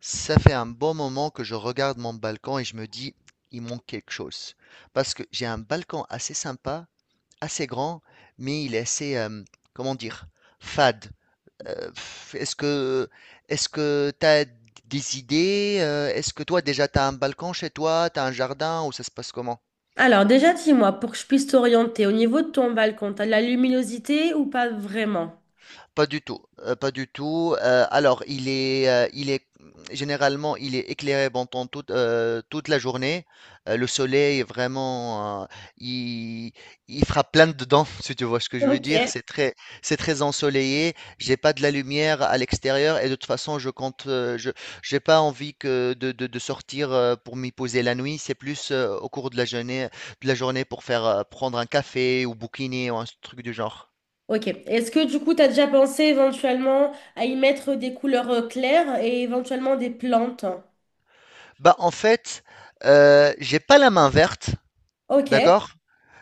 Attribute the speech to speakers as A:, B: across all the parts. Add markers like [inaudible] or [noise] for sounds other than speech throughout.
A: Ça fait un bon moment que je regarde mon balcon et je me dis, il manque quelque chose. Parce que j'ai un balcon assez sympa, assez grand, mais il est assez, comment dire, fade. Euh, pff, est-ce que, est-ce que tu as des idées? Est-ce que toi déjà tu as un balcon chez toi, tu as un jardin ou ça se passe comment?
B: Alors déjà, dis-moi, pour que je puisse t'orienter, au niveau de ton balcon, t'as de la luminosité ou pas vraiment?
A: Pas du tout, pas du tout. Alors, généralement, il est éclairé pendant toute la journée. Le soleil est vraiment, il, il frappe plein dedans, [laughs] si tu vois ce que je veux
B: Ok.
A: dire. C'est très ensoleillé. J'ai pas de la lumière à l'extérieur et de toute façon, j'ai pas envie de sortir pour m'y poser la nuit. C'est plus au cours de la journée pour faire prendre un café ou bouquiner ou un truc du genre.
B: Ok. Est-ce que du coup, t'as déjà pensé éventuellement à y mettre des couleurs claires et éventuellement des plantes?
A: Bah, en fait, j'ai pas la main verte,
B: Ok.
A: d'accord?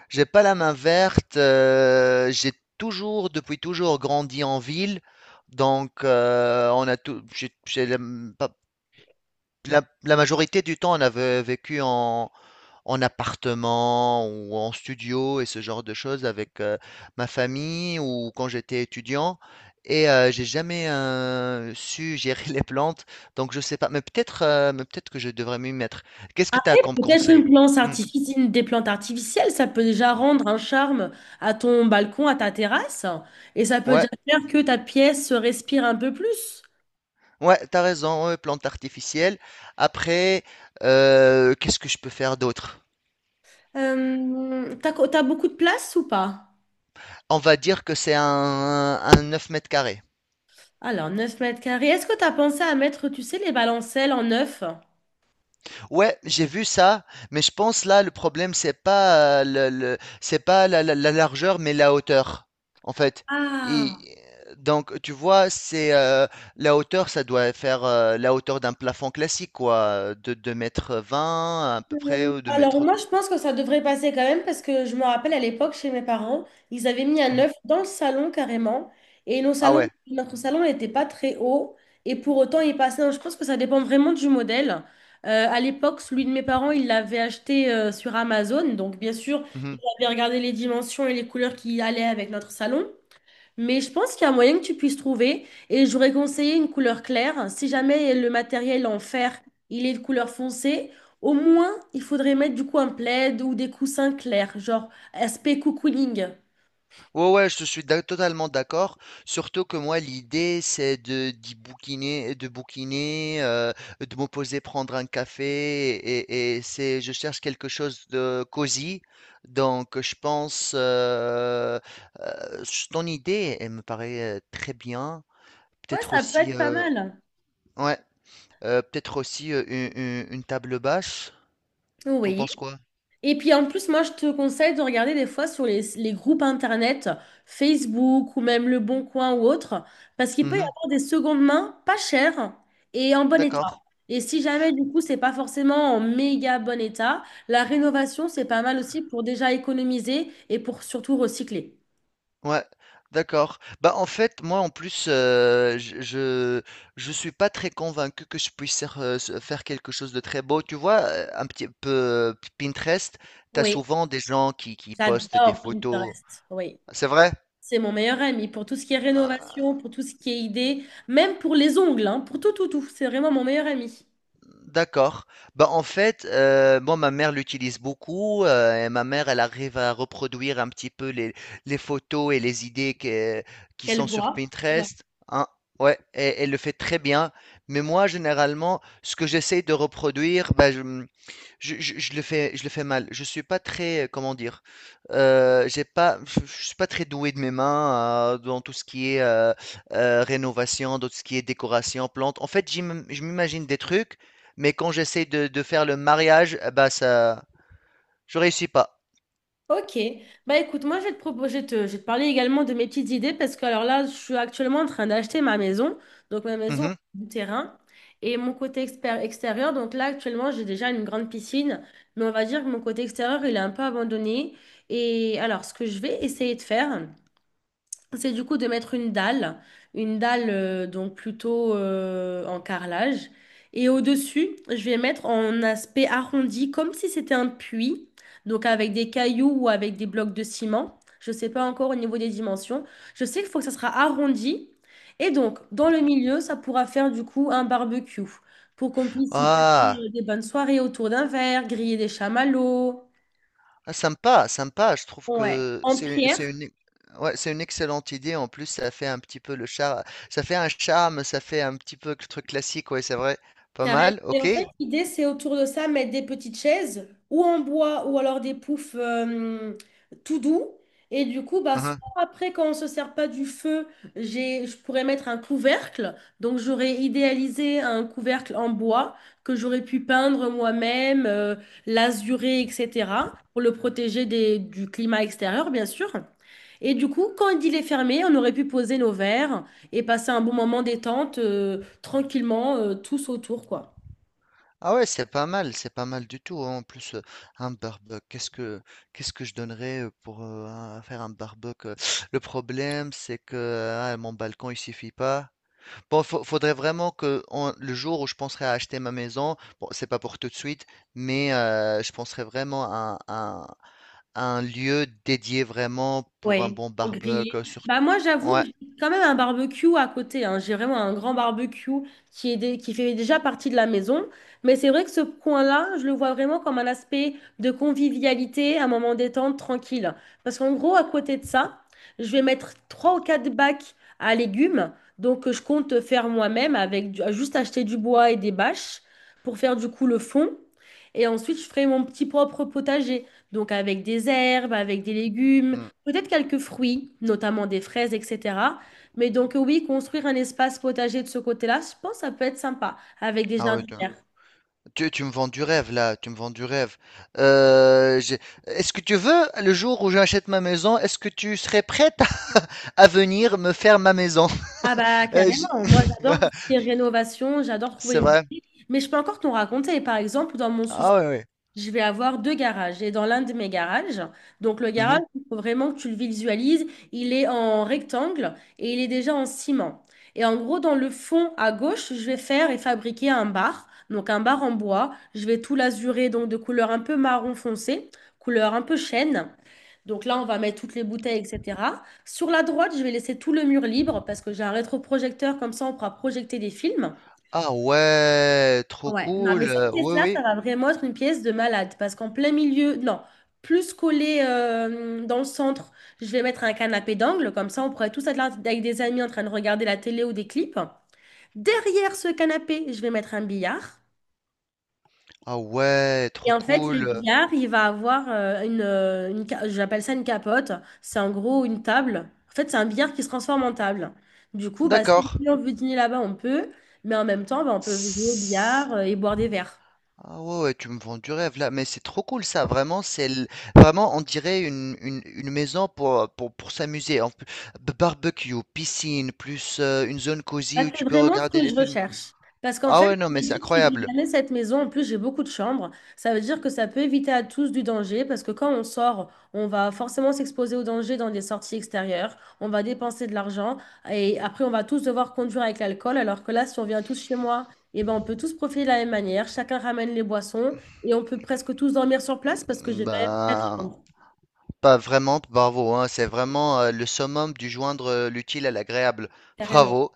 A: J'ai pas la main verte, j'ai toujours, depuis toujours, grandi en ville, donc on a tout j'ai la, pas la majorité du temps, on a ve vécu en appartement ou en studio et ce genre de choses avec ma famille ou quand j'étais étudiant. Et j'ai jamais su gérer [laughs] les plantes, donc je sais pas. Mais peut-être que je devrais m'y mettre. Qu'est-ce que tu as
B: Après,
A: comme
B: peut-être
A: conseil?
B: une plante
A: Hmm,
B: artifici- une- des plantes artificielles, ça peut déjà
A: hmm.
B: rendre un charme à ton balcon, à ta terrasse, et ça peut
A: Ouais,
B: déjà faire que ta pièce respire un peu plus.
A: ouais, t'as raison. Ouais, plantes artificielles. Après, qu'est-ce que je peux faire d'autre?
B: T'as beaucoup de place ou pas?
A: On va dire que c'est un 9 mètres carrés.
B: Alors, 9 mètres carrés. Est-ce que tu as pensé à mettre, tu sais, les balancelles en neuf?
A: Ouais, j'ai vu ça, mais je pense là le problème c'est pas la largeur mais la hauteur en fait.
B: Ah.
A: Et donc tu vois, c'est la hauteur ça doit faire la hauteur d'un plafond classique quoi, de 2,20 m à peu près ou 2
B: Alors
A: mètres.
B: moi je pense que ça devrait passer quand même parce que je me rappelle à l'époque chez mes parents, ils avaient mis un
A: Mhm.
B: œuf dans le salon carrément et nos
A: Ah
B: salons,
A: ouais.
B: notre salon n'était pas très haut et pour autant il passait. Donc, je pense que ça dépend vraiment du modèle. À l'époque, celui de mes parents, il l'avait acheté sur Amazon, donc bien sûr,
A: Mhm.
B: j'avais regardé les dimensions et les couleurs qui allaient avec notre salon. Mais je pense qu'il y a moyen que tu puisses trouver et j'aurais conseillé une couleur claire. Si jamais le matériel en fer, il est de couleur foncée, au moins il faudrait mettre du coup un plaid ou des coussins clairs, genre aspect cocooning.
A: Ouais, ouais, je te suis totalement d'accord. Surtout que moi, l'idée, c'est de d'y bouquiner, de me poser, prendre un café, et c'est, je cherche quelque chose de cosy. Donc, je pense, ton idée, elle me paraît très bien.
B: Ouais,
A: Peut-être
B: ça peut
A: aussi,
B: être pas
A: euh,
B: mal.
A: ouais, peut-être aussi une table basse. T'en
B: Oui.
A: penses quoi?
B: Et puis en plus, moi, je te conseille de regarder des fois sur les groupes internet, Facebook ou même Le Bon Coin ou autre, parce qu'il peut y
A: Mhm,
B: avoir des secondes mains pas chères et en bon état.
A: d'accord.
B: Et si jamais, du coup, c'est pas forcément en méga bon état, la rénovation, c'est pas mal aussi pour déjà économiser et pour surtout recycler.
A: Ouais, d'accord. Bah, en fait, moi, en plus, je suis pas très convaincu que je puisse faire quelque chose de très beau. Tu vois, un petit peu Pinterest, t'as
B: Oui,
A: souvent des gens qui postent des
B: j'adore
A: photos.
B: Pinterest. Oui,
A: C'est vrai?
B: c'est mon meilleur ami pour tout ce qui est
A: Ah.
B: rénovation, pour tout ce qui est idée, même pour les ongles, hein, pour tout, tout, tout. C'est vraiment mon meilleur ami.
A: D'accord. Bah, en fait, moi, ma mère l'utilise beaucoup, et ma mère, elle arrive à reproduire un petit peu les photos et les idées que qui sont
B: Quelle
A: sur
B: voix.
A: Pinterest, hein, ouais, et elle le fait très bien. Mais moi, généralement, ce que j'essaie de reproduire, bah, je, mmh je le fais mal. Je suis pas très, comment dire, j'ai pas, je suis pas très doué de mes mains dans tout ce qui est rénovation, dans tout ce qui est décoration, plantes. En fait, je m'imagine des trucs, mais quand j'essaie de faire le mariage, eh ben ça, je réussis pas.
B: Ok, bah écoute, moi je vais te proposer, je vais te parler également de mes petites idées parce que alors là, je suis actuellement en train d'acheter ma maison, donc ma maison
A: Mhm.
B: du terrain et mon côté extérieur. Donc là, actuellement, j'ai déjà une grande piscine, mais on va dire que mon côté extérieur, il est un peu abandonné. Et alors, ce que je vais essayer de faire. C'est du coup de mettre une dalle donc plutôt en carrelage. Et au-dessus, je vais mettre en aspect arrondi, comme si c'était un puits, donc avec des cailloux ou avec des blocs de ciment. Je ne sais pas encore au niveau des dimensions. Je sais qu'il faut que ça sera arrondi. Et donc, dans le milieu, ça pourra faire du coup un barbecue pour qu'on puisse y passer
A: Ah,
B: des bonnes soirées autour d'un verre, griller des chamallows.
A: ah, sympa, sympa. Je trouve
B: Ouais,
A: que
B: en
A: c'est une, c'est
B: pierre.
A: une, ouais, c'est une excellente idée. En plus, ça fait un petit peu le charme, ça fait un charme, ça fait un petit peu le truc classique. Ouais, c'est vrai. Pas
B: Carrément.
A: mal.
B: Et
A: Ok.
B: en fait, l'idée, c'est autour de ça, mettre des petites chaises, ou en bois, ou alors des poufs tout doux. Et du coup, bah, soit après, quand on ne se sert pas du feu, je pourrais mettre un couvercle. Donc, j'aurais idéalisé un couvercle en bois que j'aurais pu peindre moi-même, l'azurer, etc., pour le protéger du climat extérieur, bien sûr. Et du coup, quand il est fermé, on aurait pu poser nos verres et passer un bon moment détente, tranquillement, tous autour, quoi.
A: Ah ouais, c'est pas mal du tout, hein. En plus, un barbecue, qu'est-ce que je donnerais pour faire un barbecue? Le problème, c'est que ah, mon balcon, il suffit pas. Bon, faudrait vraiment que le jour où je penserais à acheter ma maison, bon, c'est pas pour tout de suite, mais je penserais vraiment à un lieu dédié vraiment pour un
B: Ouais,
A: bon
B: pour griller.
A: barbecue. Surtout,
B: Bah moi, j'avoue que
A: ouais.
B: j'ai quand même un barbecue à côté, hein. J'ai vraiment un grand barbecue qui est qui fait déjà partie de la maison. Mais c'est vrai que ce coin-là, je le vois vraiment comme un aspect de convivialité, un moment détente, tranquille. Parce qu'en gros, à côté de ça, je vais mettre 3 ou 4 bacs à légumes. Donc, que je compte faire moi-même avec juste acheter du bois et des bâches pour faire du coup le fond. Et ensuite, je ferai mon petit propre potager. Donc, avec des herbes, avec des légumes.
A: Mm.
B: Peut-être quelques fruits, notamment des fraises, etc. Mais donc oui, construire un espace potager de ce côté-là, je pense que ça peut être sympa avec des
A: Ah ouais,
B: jardinières.
A: tu me vends du rêve là, tu me vends du rêve. Euh, j'ai- est-ce que tu veux, le jour où j'achète ma maison, est-ce que tu serais prête [laughs] à, venir me faire ma maison?
B: Ah bah
A: Euh,
B: carrément,
A: j-
B: moi j'adore tout ce qui est
A: [laughs]
B: rénovation, j'adore
A: C'est
B: trouver
A: vrai.
B: les... Mais je peux encore t'en raconter, par exemple, dans mon sous
A: Ah ouais, ouais.
B: je vais avoir 2 garages. Et dans l'un de mes garages, donc le garage,
A: Mhm.
B: il faut vraiment que tu le visualises, il est en rectangle et il est déjà en ciment. Et en gros, dans le fond à gauche, je vais faire et fabriquer un bar, donc un bar en bois. Je vais tout l'azurer, donc de couleur un peu marron foncé, couleur un peu chêne. Donc là, on va mettre toutes les bouteilles, etc. Sur la droite, je vais laisser tout le mur libre parce que j'ai un rétroprojecteur, comme ça, on pourra projeter des films.
A: Ah ouais, trop
B: Ouais, non, mais
A: cool.
B: cette
A: Oui,
B: pièce-là,
A: oui.
B: ça va vraiment être une pièce de malade parce qu'en plein milieu, non, plus collé dans le centre, je vais mettre un canapé d'angle, comme ça on pourrait tous être là avec des amis en train de regarder la télé ou des clips. Derrière ce canapé, je vais mettre un billard.
A: Ah ouais,
B: Et
A: trop
B: en fait, le
A: cool.
B: billard, il va avoir j'appelle ça une capote, c'est en gros une table. En fait, c'est un billard qui se transforme en table. Du coup, bah, si
A: D'accord.
B: on veut dîner là-bas, on peut, mais en même temps, bah, on peut jouer au billard et boire des verres.
A: Ah ouais, ouais, tu me vends du rêve là, mais c'est trop cool ça, vraiment, vraiment on dirait une maison pour, pour s'amuser, en plus, barbecue, piscine, plus une zone
B: Bah,
A: cosy où
B: c'est
A: tu peux
B: vraiment ce
A: regarder
B: que
A: des
B: je
A: films.
B: recherche. Parce qu'en
A: Ah
B: fait,
A: ouais, non, mais
B: je me
A: c'est
B: dis que si j'ai
A: incroyable.
B: jamais cette maison, en plus j'ai beaucoup de chambres, ça veut dire que ça peut éviter à tous du danger, parce que quand on sort, on va forcément s'exposer au danger dans des sorties extérieures, on va dépenser de l'argent, et après on va tous devoir conduire avec l'alcool, alors que là, si on vient tous chez moi, eh ben, on peut tous profiter de la même manière, chacun ramène les boissons, et on peut presque tous dormir sur place, parce que j'ai quand même quatre
A: Ben,
B: chambres,
A: pas vraiment, bravo, hein, c'est vraiment le summum du joindre l'utile à l'agréable.
B: carrément.
A: Bravo.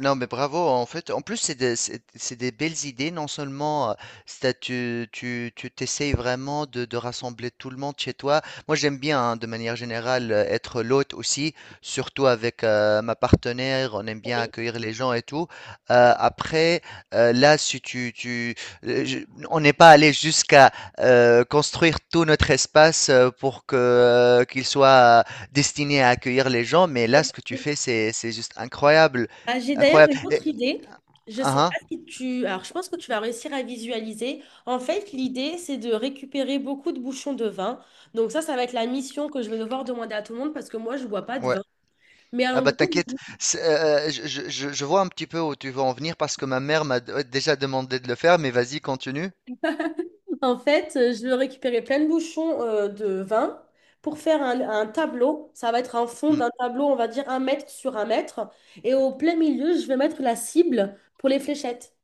A: Non, mais bravo. En fait, en plus, c'est des belles idées. Non seulement, tu t'essayes vraiment de rassembler tout le monde chez toi. Moi, j'aime bien, hein, de manière générale, être l'hôte aussi, surtout avec ma partenaire. On aime bien accueillir les gens et tout. Après, là, si euh, je- on n'est pas allé jusqu'à construire tout notre espace pour que qu'il soit destiné à accueillir les gens. Mais là, ce que tu
B: Oui.
A: fais, c'est juste incroyable.
B: Ah, j'ai d'ailleurs
A: Incroyable.
B: une
A: Et,
B: autre idée. Je sais pas
A: ah,
B: si tu... Alors, je pense que tu vas réussir à visualiser. En fait, l'idée, c'est de récupérer beaucoup de bouchons de vin. Donc ça va être la mission que je vais devoir demander à tout le monde parce que moi, je bois pas
A: ah,
B: de
A: ouais.
B: vin. Mais
A: Ah
B: en
A: bah
B: gros,
A: t'inquiète, c'est, je vois un petit peu où tu veux en venir parce que ma mère m'a ouais, déjà demandé de le faire, mais vas-y, continue.
B: en fait, je vais récupérer plein de bouchons de vin pour faire un tableau. Ça va être un fond
A: Mm,
B: d'un tableau, on va dire 1 mètre sur 1 mètre. Et au plein milieu, je vais mettre la cible pour les fléchettes.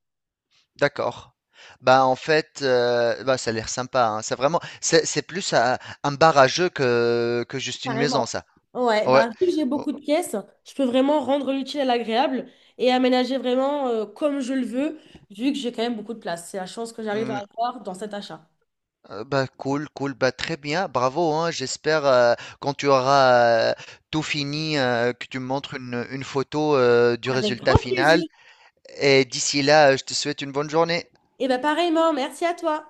A: d'accord. Bah en fait, bah, ça a l'air sympa, hein. C'est vraiment, c'est plus un bar à jeu que juste une maison,
B: Carrément.
A: ça.
B: Ouais,
A: Ouais.
B: bah, vu que j'ai
A: Oh.
B: beaucoup de pièces, je peux vraiment rendre l'utile à l'agréable et aménager vraiment comme je le veux, vu que j'ai quand même beaucoup de place. C'est la chance que j'arrive à
A: mm,
B: avoir dans cet achat.
A: Bah, cool, cool, bah, très bien, bravo, hein, j'espère quand tu auras tout fini, que tu me montres une photo du
B: Avec
A: résultat
B: grand plaisir.
A: final. Et d'ici là, je te souhaite une bonne journée.
B: Et bah pareillement, merci à toi.